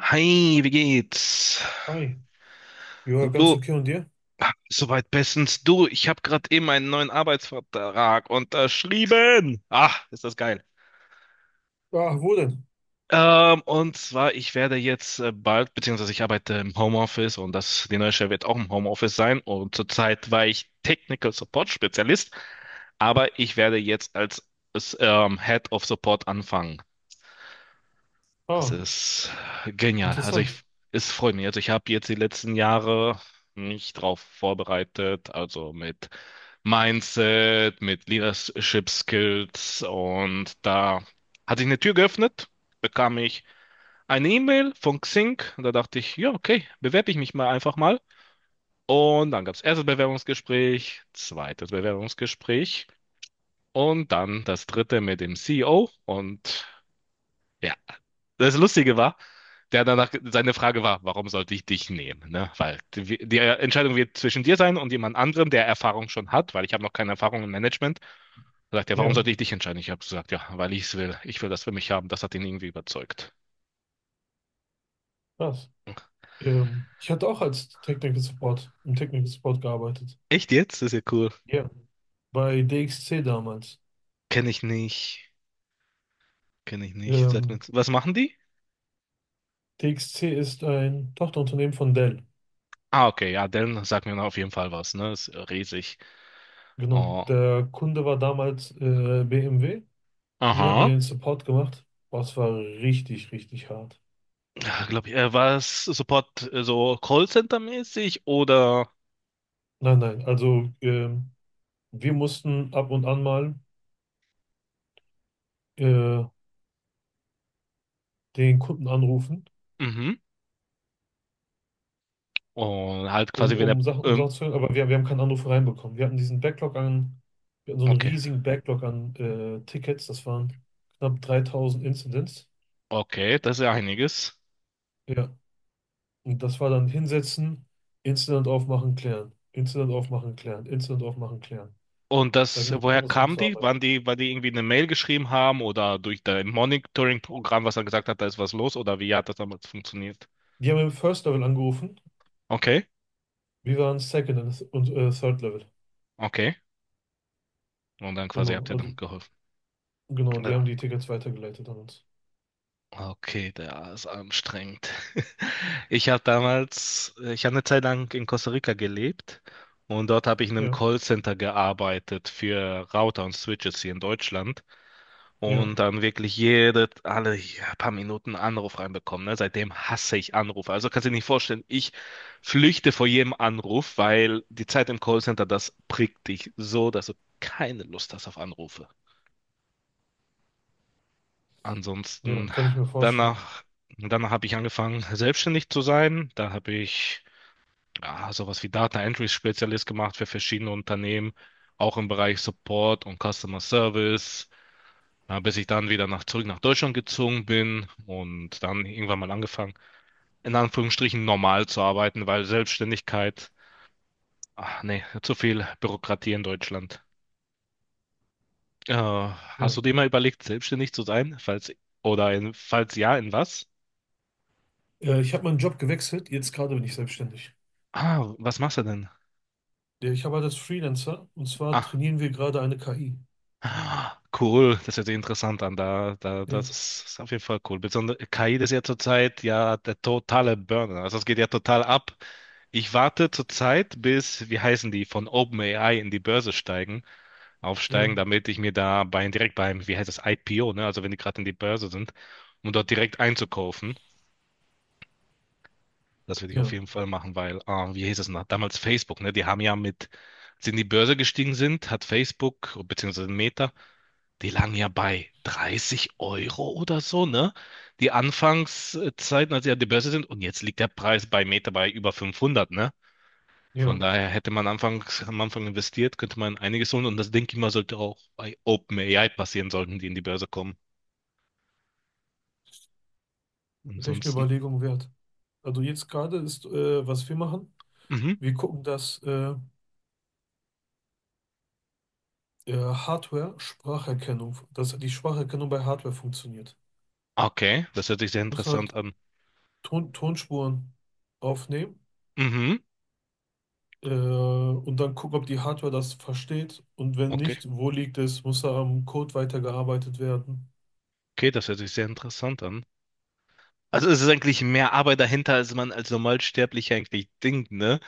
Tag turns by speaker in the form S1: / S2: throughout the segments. S1: Hi, wie geht's?
S2: Hi. Ja, ganz
S1: Du,
S2: okay und dir?
S1: soweit bestens. Du, ich habe gerade eben einen neuen Arbeitsvertrag unterschrieben. Ah, ist das geil.
S2: Ah, wo denn?
S1: Und zwar, ich werde jetzt bald, beziehungsweise ich arbeite im Homeoffice und das, die neue Stelle wird auch im Homeoffice sein. Und zurzeit war ich Technical Support Spezialist, aber ich werde jetzt als, als Head of Support anfangen. Das
S2: Ah,
S1: ist genial. Also ich,
S2: interessant.
S1: es freut mich. Also ich habe jetzt die letzten Jahre mich drauf vorbereitet, also mit Mindset, mit Leadership Skills und da hat sich eine Tür geöffnet, bekam ich eine E-Mail von Xing und da dachte ich, ja, okay, bewerbe ich mich mal einfach mal. Und dann gab es erstes Bewerbungsgespräch, zweites Bewerbungsgespräch und dann das dritte mit dem CEO und ja, das Lustige war, der danach seine Frage war, warum sollte ich dich nehmen? Ne? Weil die, die Entscheidung wird zwischen dir sein und jemand anderem, der Erfahrung schon hat, weil ich habe noch keine Erfahrung im Management. Da sagt er, warum
S2: Ja,
S1: sollte ich dich entscheiden? Ich habe gesagt, ja, weil ich es will. Ich will das für mich haben. Das hat ihn irgendwie überzeugt.
S2: krass. Ich hatte auch im Technical Support gearbeitet.
S1: Echt jetzt? Das ist ja cool.
S2: Ja, bei DXC damals.
S1: Kenne ich nicht. Kenne ich nicht. Sag mir,
S2: Ähm,
S1: was machen die?
S2: DXC ist ein Tochterunternehmen von Dell.
S1: Ah, okay, ja, dann sagt mir auf jeden Fall was, ne? Ist riesig.
S2: Genau.
S1: Oh.
S2: Der Kunde war damals BMW. Für die haben wir
S1: Aha.
S2: den Support gemacht. Boah, es war richtig, richtig hart.
S1: Glaube ich, war es Support so Callcenter-mäßig oder?
S2: Nein, nein. Also wir mussten ab und an mal äh, den Kunden anrufen
S1: Mhm. Und halt
S2: um,
S1: quasi, wenn er.
S2: um
S1: Ähm,
S2: Sachen zu hören, aber wir haben keinen Anruf reinbekommen. Wir hatten so einen
S1: okay.
S2: riesigen Backlog an Tickets, das waren knapp 3000 Incidents.
S1: Okay, das ist ja einiges.
S2: Ja, und das war dann hinsetzen, Incident aufmachen, klären, Incident aufmachen, klären, Incident aufmachen, klären.
S1: Und
S2: Da
S1: das,
S2: ging es
S1: woher
S2: darum, das
S1: kamen die?
S2: abzuarbeiten.
S1: Waren die, weil die irgendwie eine Mail geschrieben haben oder durch dein Monitoring-Programm, was er gesagt hat, da ist was los? Oder wie hat das damals funktioniert?
S2: Die haben im First Level angerufen,
S1: Okay,
S2: wir waren Second und Third Level.
S1: okay. Und dann quasi
S2: Genau,
S1: habt ihr dann
S2: also
S1: geholfen.
S2: genau, die haben
S1: Ja.
S2: die Tickets weitergeleitet an uns.
S1: Okay, der ist anstrengend. Ich habe damals, ich habe eine Zeit lang in Costa Rica gelebt und dort habe ich in einem
S2: Ja,
S1: Callcenter gearbeitet für Router und Switches hier in Deutschland
S2: ja,
S1: und dann wirklich jede, alle ja, paar Minuten einen Anruf reinbekommen. Ne? Seitdem hasse ich Anrufe. Also kannst du dir nicht vorstellen, ich flüchte vor jedem Anruf, weil die Zeit im Callcenter, das prickt dich so, dass du keine Lust hast auf Anrufe.
S2: ja,
S1: Ansonsten,
S2: kann ich mir vorstellen.
S1: danach, danach habe ich angefangen, selbstständig zu sein. Da habe ich ja, sowas wie Data Entry Spezialist gemacht für verschiedene Unternehmen, auch im Bereich Support und Customer Service, ja, bis ich dann wieder nach, zurück nach Deutschland gezogen bin und dann irgendwann mal angefangen, in Anführungsstrichen normal zu arbeiten, weil Selbstständigkeit, ach nee, zu viel Bürokratie in Deutschland. Hast
S2: Ja.
S1: du dir mal überlegt, selbstständig zu sein? Falls, oder in, falls ja, in was?
S2: Ich habe meinen Job gewechselt, jetzt gerade bin ich selbstständig.
S1: Ah, was machst du denn?
S2: Ja, ich arbeite als Freelancer und zwar
S1: Ah,
S2: trainieren wir gerade eine KI.
S1: cool, das hört sich interessant an. Da, da,
S2: Ja,
S1: das ist auf jeden Fall cool. Besonders KI ist ja zurzeit ja der totale Burner. Also es geht ja total ab. Ich warte zurzeit, bis, wie heißen die, von OpenAI in die Börse steigen, aufsteigen,
S2: ja,
S1: damit ich mir da bei, direkt beim, wie heißt das, IPO, ne? Also wenn die gerade in die Börse sind, um dort direkt einzukaufen. Das würde ich auf
S2: ja,
S1: jeden Fall machen, weil, ah, wie hieß es noch? Damals Facebook, ne? Die haben ja mit, als sie in die Börse gestiegen sind, hat Facebook, beziehungsweise Meta, die lagen ja bei 30 € oder so, ne? Die Anfangszeiten, als sie an die Börse sind, und jetzt liegt der Preis bei Meta bei über 500, ne? Von
S2: ja.
S1: daher hätte man anfangs, am Anfang investiert, könnte man einiges holen und das denke ich mal, sollte auch bei OpenAI passieren, sollten die in die Börse kommen.
S2: Das ist echt eine
S1: Ansonsten,
S2: Überlegung wert. Also jetzt gerade ist, was wir machen,
S1: mhm.
S2: wir gucken, dass Hardware-Spracherkennung, dass die Spracherkennung bei Hardware funktioniert.
S1: Okay, das hört sich sehr
S2: Muss
S1: interessant
S2: halt
S1: an.
S2: Ton Tonspuren aufnehmen
S1: Mhm,
S2: und dann gucken, ob die Hardware das versteht und wenn
S1: okay.
S2: nicht, wo liegt es, muss da am Code weitergearbeitet werden.
S1: Okay, das hört sich sehr interessant an. Also es ist eigentlich mehr Arbeit dahinter, als man als Normalsterblicher eigentlich denkt, ne?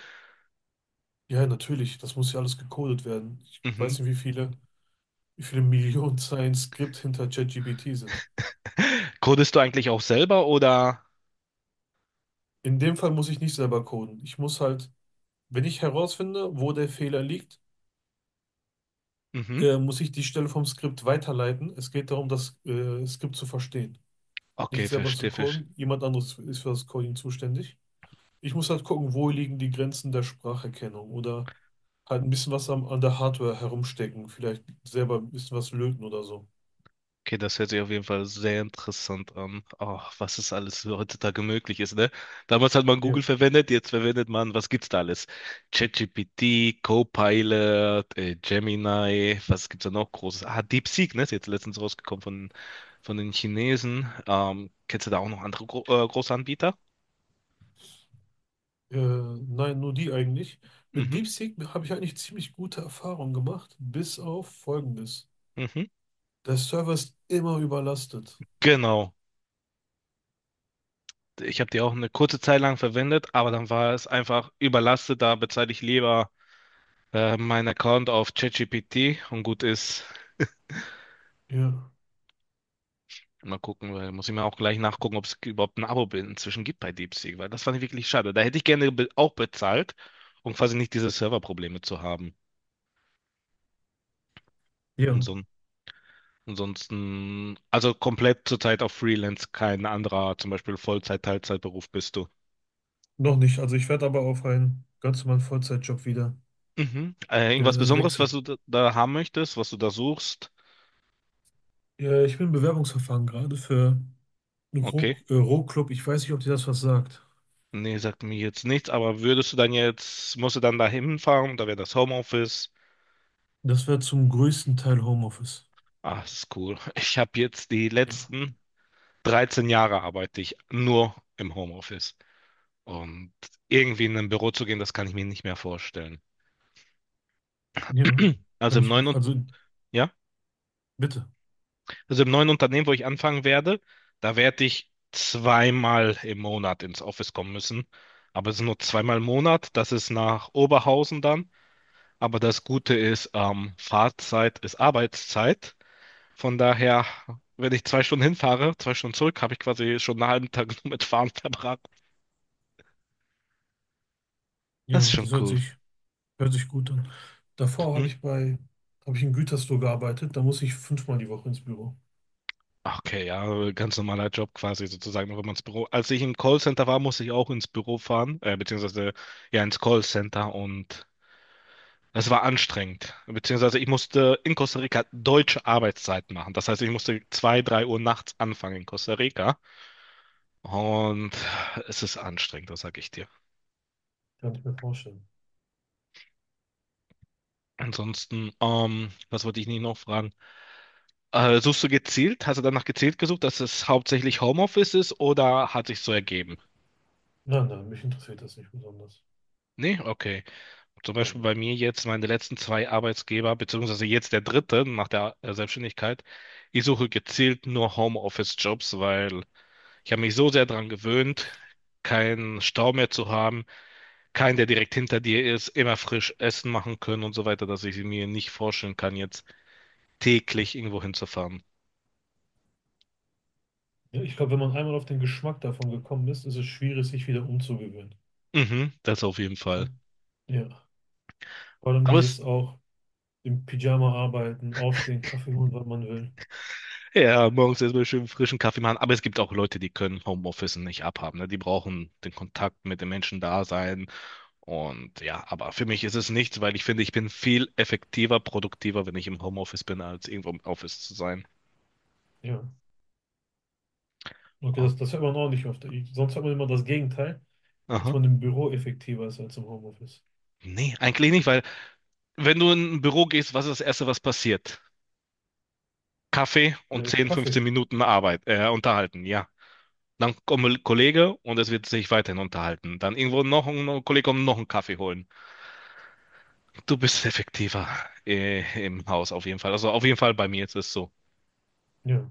S2: Ja, natürlich, das muss ja alles gecodet werden. Ich
S1: Mhm.
S2: weiß nicht, wie viele. Wie viele Millionen Zeilen Skript hinter ChatGPT sind.
S1: Codest du eigentlich auch selber oder?
S2: In dem Fall muss ich nicht selber coden. Ich muss halt, wenn ich herausfinde, wo der Fehler liegt,
S1: Mhm.
S2: muss ich die Stelle vom Skript weiterleiten. Es geht darum, das Skript zu verstehen. Nicht
S1: Okay,
S2: selber zu
S1: verstehe, verstehe.
S2: coden. Jemand anderes ist für das Coding zuständig. Ich muss halt gucken, wo liegen die Grenzen der Spracherkennung oder halt ein bisschen was an der Hardware herumstecken. Vielleicht selber ein bisschen was löten oder so.
S1: Okay, das hört sich auf jeden Fall sehr interessant an. Oh, was es alles heutzutage möglich ist, ne? Damals hat man Google
S2: Ja.
S1: verwendet, jetzt verwendet man, was gibt's da alles? ChatGPT, Copilot, Gemini, was gibt's da noch Großes? Ah, DeepSeek, ne? Ist jetzt letztens rausgekommen von den Chinesen. Kennst du da auch noch andere Gro große Anbieter?
S2: Nein, nur die eigentlich. Mit
S1: Mhm,
S2: DeepSeek habe ich eigentlich ziemlich gute Erfahrungen gemacht, bis auf Folgendes.
S1: mhm.
S2: Der Server ist immer überlastet.
S1: Genau. Ich habe die auch eine kurze Zeit lang verwendet, aber dann war es einfach überlastet. Da bezahle ich lieber meinen Account auf ChatGPT und gut ist.
S2: Ja,
S1: Mal gucken, weil muss ich mir auch gleich nachgucken, ob es überhaupt ein Abo inzwischen gibt bei DeepSeek, weil das fand ich wirklich schade. Da hätte ich gerne be auch bezahlt, um quasi nicht diese Serverprobleme zu haben. Und
S2: ja,
S1: son- Ansonsten, also komplett zurzeit auf Freelance, kein anderer, zum Beispiel Vollzeit, Teilzeitberuf bist du.
S2: noch nicht. Also ich werde aber auf einen ganz normalen Vollzeitjob wieder
S1: Mhm.
S2: äh,
S1: Irgendwas Besonderes, was
S2: wechseln.
S1: du da, da haben möchtest, was du da suchst?
S2: Ja, ich bin im Bewerbungsverfahren gerade für einen
S1: Okay.
S2: Rohclub. Ich weiß nicht, ob dir das was sagt.
S1: Nee, sagt mir jetzt nichts, aber würdest du dann jetzt, musst du dann da hinfahren, da wäre das Homeoffice.
S2: Das wäre zum größten Teil Homeoffice.
S1: Ah, das ist cool. Ich habe jetzt die
S2: Ja,
S1: letzten. 13 Jahre arbeite ich nur im Homeoffice. Und irgendwie in ein Büro zu gehen, das kann ich mir nicht mehr vorstellen.
S2: ja,
S1: Also
S2: kann
S1: im
S2: ich,
S1: neuen, Un-
S2: also
S1: ja,
S2: bitte.
S1: also im neuen Unternehmen, wo ich anfangen werde, da werde ich zweimal im Monat ins Office kommen müssen. Aber es sind nur zweimal im Monat. Das ist nach Oberhausen dann. Aber das Gute ist, Fahrzeit ist Arbeitszeit. Von daher, wenn ich zwei Stunden hinfahre, zwei Stunden zurück, habe ich quasi schon einen halben Tag nur mit Fahren verbracht. Das ist
S2: Ja,
S1: schon
S2: das hört
S1: cool.
S2: sich Hört sich gut an. Davor habe
S1: Hm.
S2: ich bei, habe ich in Gütersloh gearbeitet, da muss ich 5-mal die Woche ins Büro.
S1: Okay, ja, ganz normaler Job quasi sozusagen, noch immer ins Büro. Als ich im Callcenter war, musste ich auch ins Büro fahren, beziehungsweise ja ins Callcenter und es war anstrengend. Beziehungsweise ich musste in Costa Rica deutsche Arbeitszeit machen. Das heißt, ich musste zwei, drei Uhr nachts anfangen in Costa Rica und es ist anstrengend, das sag ich dir.
S2: Kann ich mir vorstellen.
S1: Ansonsten, was wollte ich nicht noch fragen? Suchst du gezielt? Hast du danach gezielt gesucht, dass es hauptsächlich Homeoffice ist oder hat sich so ergeben?
S2: Nein, nein, mich interessiert das nicht besonders.
S1: Nee, okay. Zum
S2: Nein,
S1: Beispiel
S2: nein.
S1: bei mir jetzt, meine letzten zwei Arbeitsgeber, beziehungsweise jetzt der dritte nach der Selbstständigkeit. Ich suche gezielt nur Homeoffice-Jobs, weil ich habe mich so sehr daran gewöhnt, keinen Stau mehr zu haben, keinen, der direkt hinter dir ist, immer frisch Essen machen können und so weiter, dass ich mir nicht vorstellen kann, jetzt täglich irgendwo hinzufahren.
S2: Ja, ich glaube, wenn man einmal auf den Geschmack davon gekommen ist, ist es schwierig, sich wieder umzugewöhnen.
S1: Mhm, das auf jeden Fall.
S2: Ja. Ja. Vor allem
S1: Aber
S2: dieses
S1: es,
S2: auch im Pyjama arbeiten, aufstehen, Kaffee holen, wann man will.
S1: ja, morgens erstmal schön frischen Kaffee machen. Aber es gibt auch Leute, die können Homeoffice nicht abhaben. Ne? Die brauchen den Kontakt mit den Menschen da sein. Und ja, aber für mich ist es nichts, weil ich finde, ich bin viel effektiver, produktiver, wenn ich im Homeoffice bin, als irgendwo im Office zu sein.
S2: Ja. Okay,
S1: Oh,
S2: das hört man auch nicht oft. Ich, sonst hat man immer das Gegenteil, dass
S1: aha.
S2: man im Büro effektiver ist als im Homeoffice.
S1: Nee, eigentlich nicht, weil wenn du in ein Büro gehst, was ist das Erste, was passiert? Kaffee und 10, 15
S2: Kaffee.
S1: Minuten Arbeit, unterhalten, ja. Dann kommt ein Kollege und es wird sich weiterhin unterhalten. Dann irgendwo noch ein Kollege kommt, noch einen Kaffee holen. Du bist effektiver im Haus auf jeden Fall. Also auf jeden Fall bei mir ist es so.
S2: Ja.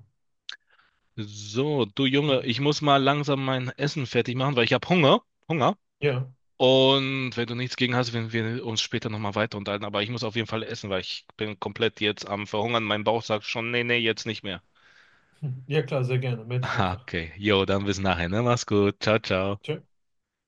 S1: So, du Junge, ich muss mal langsam mein Essen fertig machen, weil ich habe Hunger. Hunger.
S2: Ja.
S1: Und wenn du nichts gegen hast, werden wir uns später nochmal weiter unterhalten. Aber ich muss auf jeden Fall essen, weil ich bin komplett jetzt am Verhungern. Mein Bauch sagt schon, nee, nee, jetzt nicht mehr.
S2: Hm. Ja, klar, sehr gerne. Melde dich einfach.
S1: Okay, jo, dann bis nachher, ne? Mach's gut. Ciao, ciao.
S2: Tja.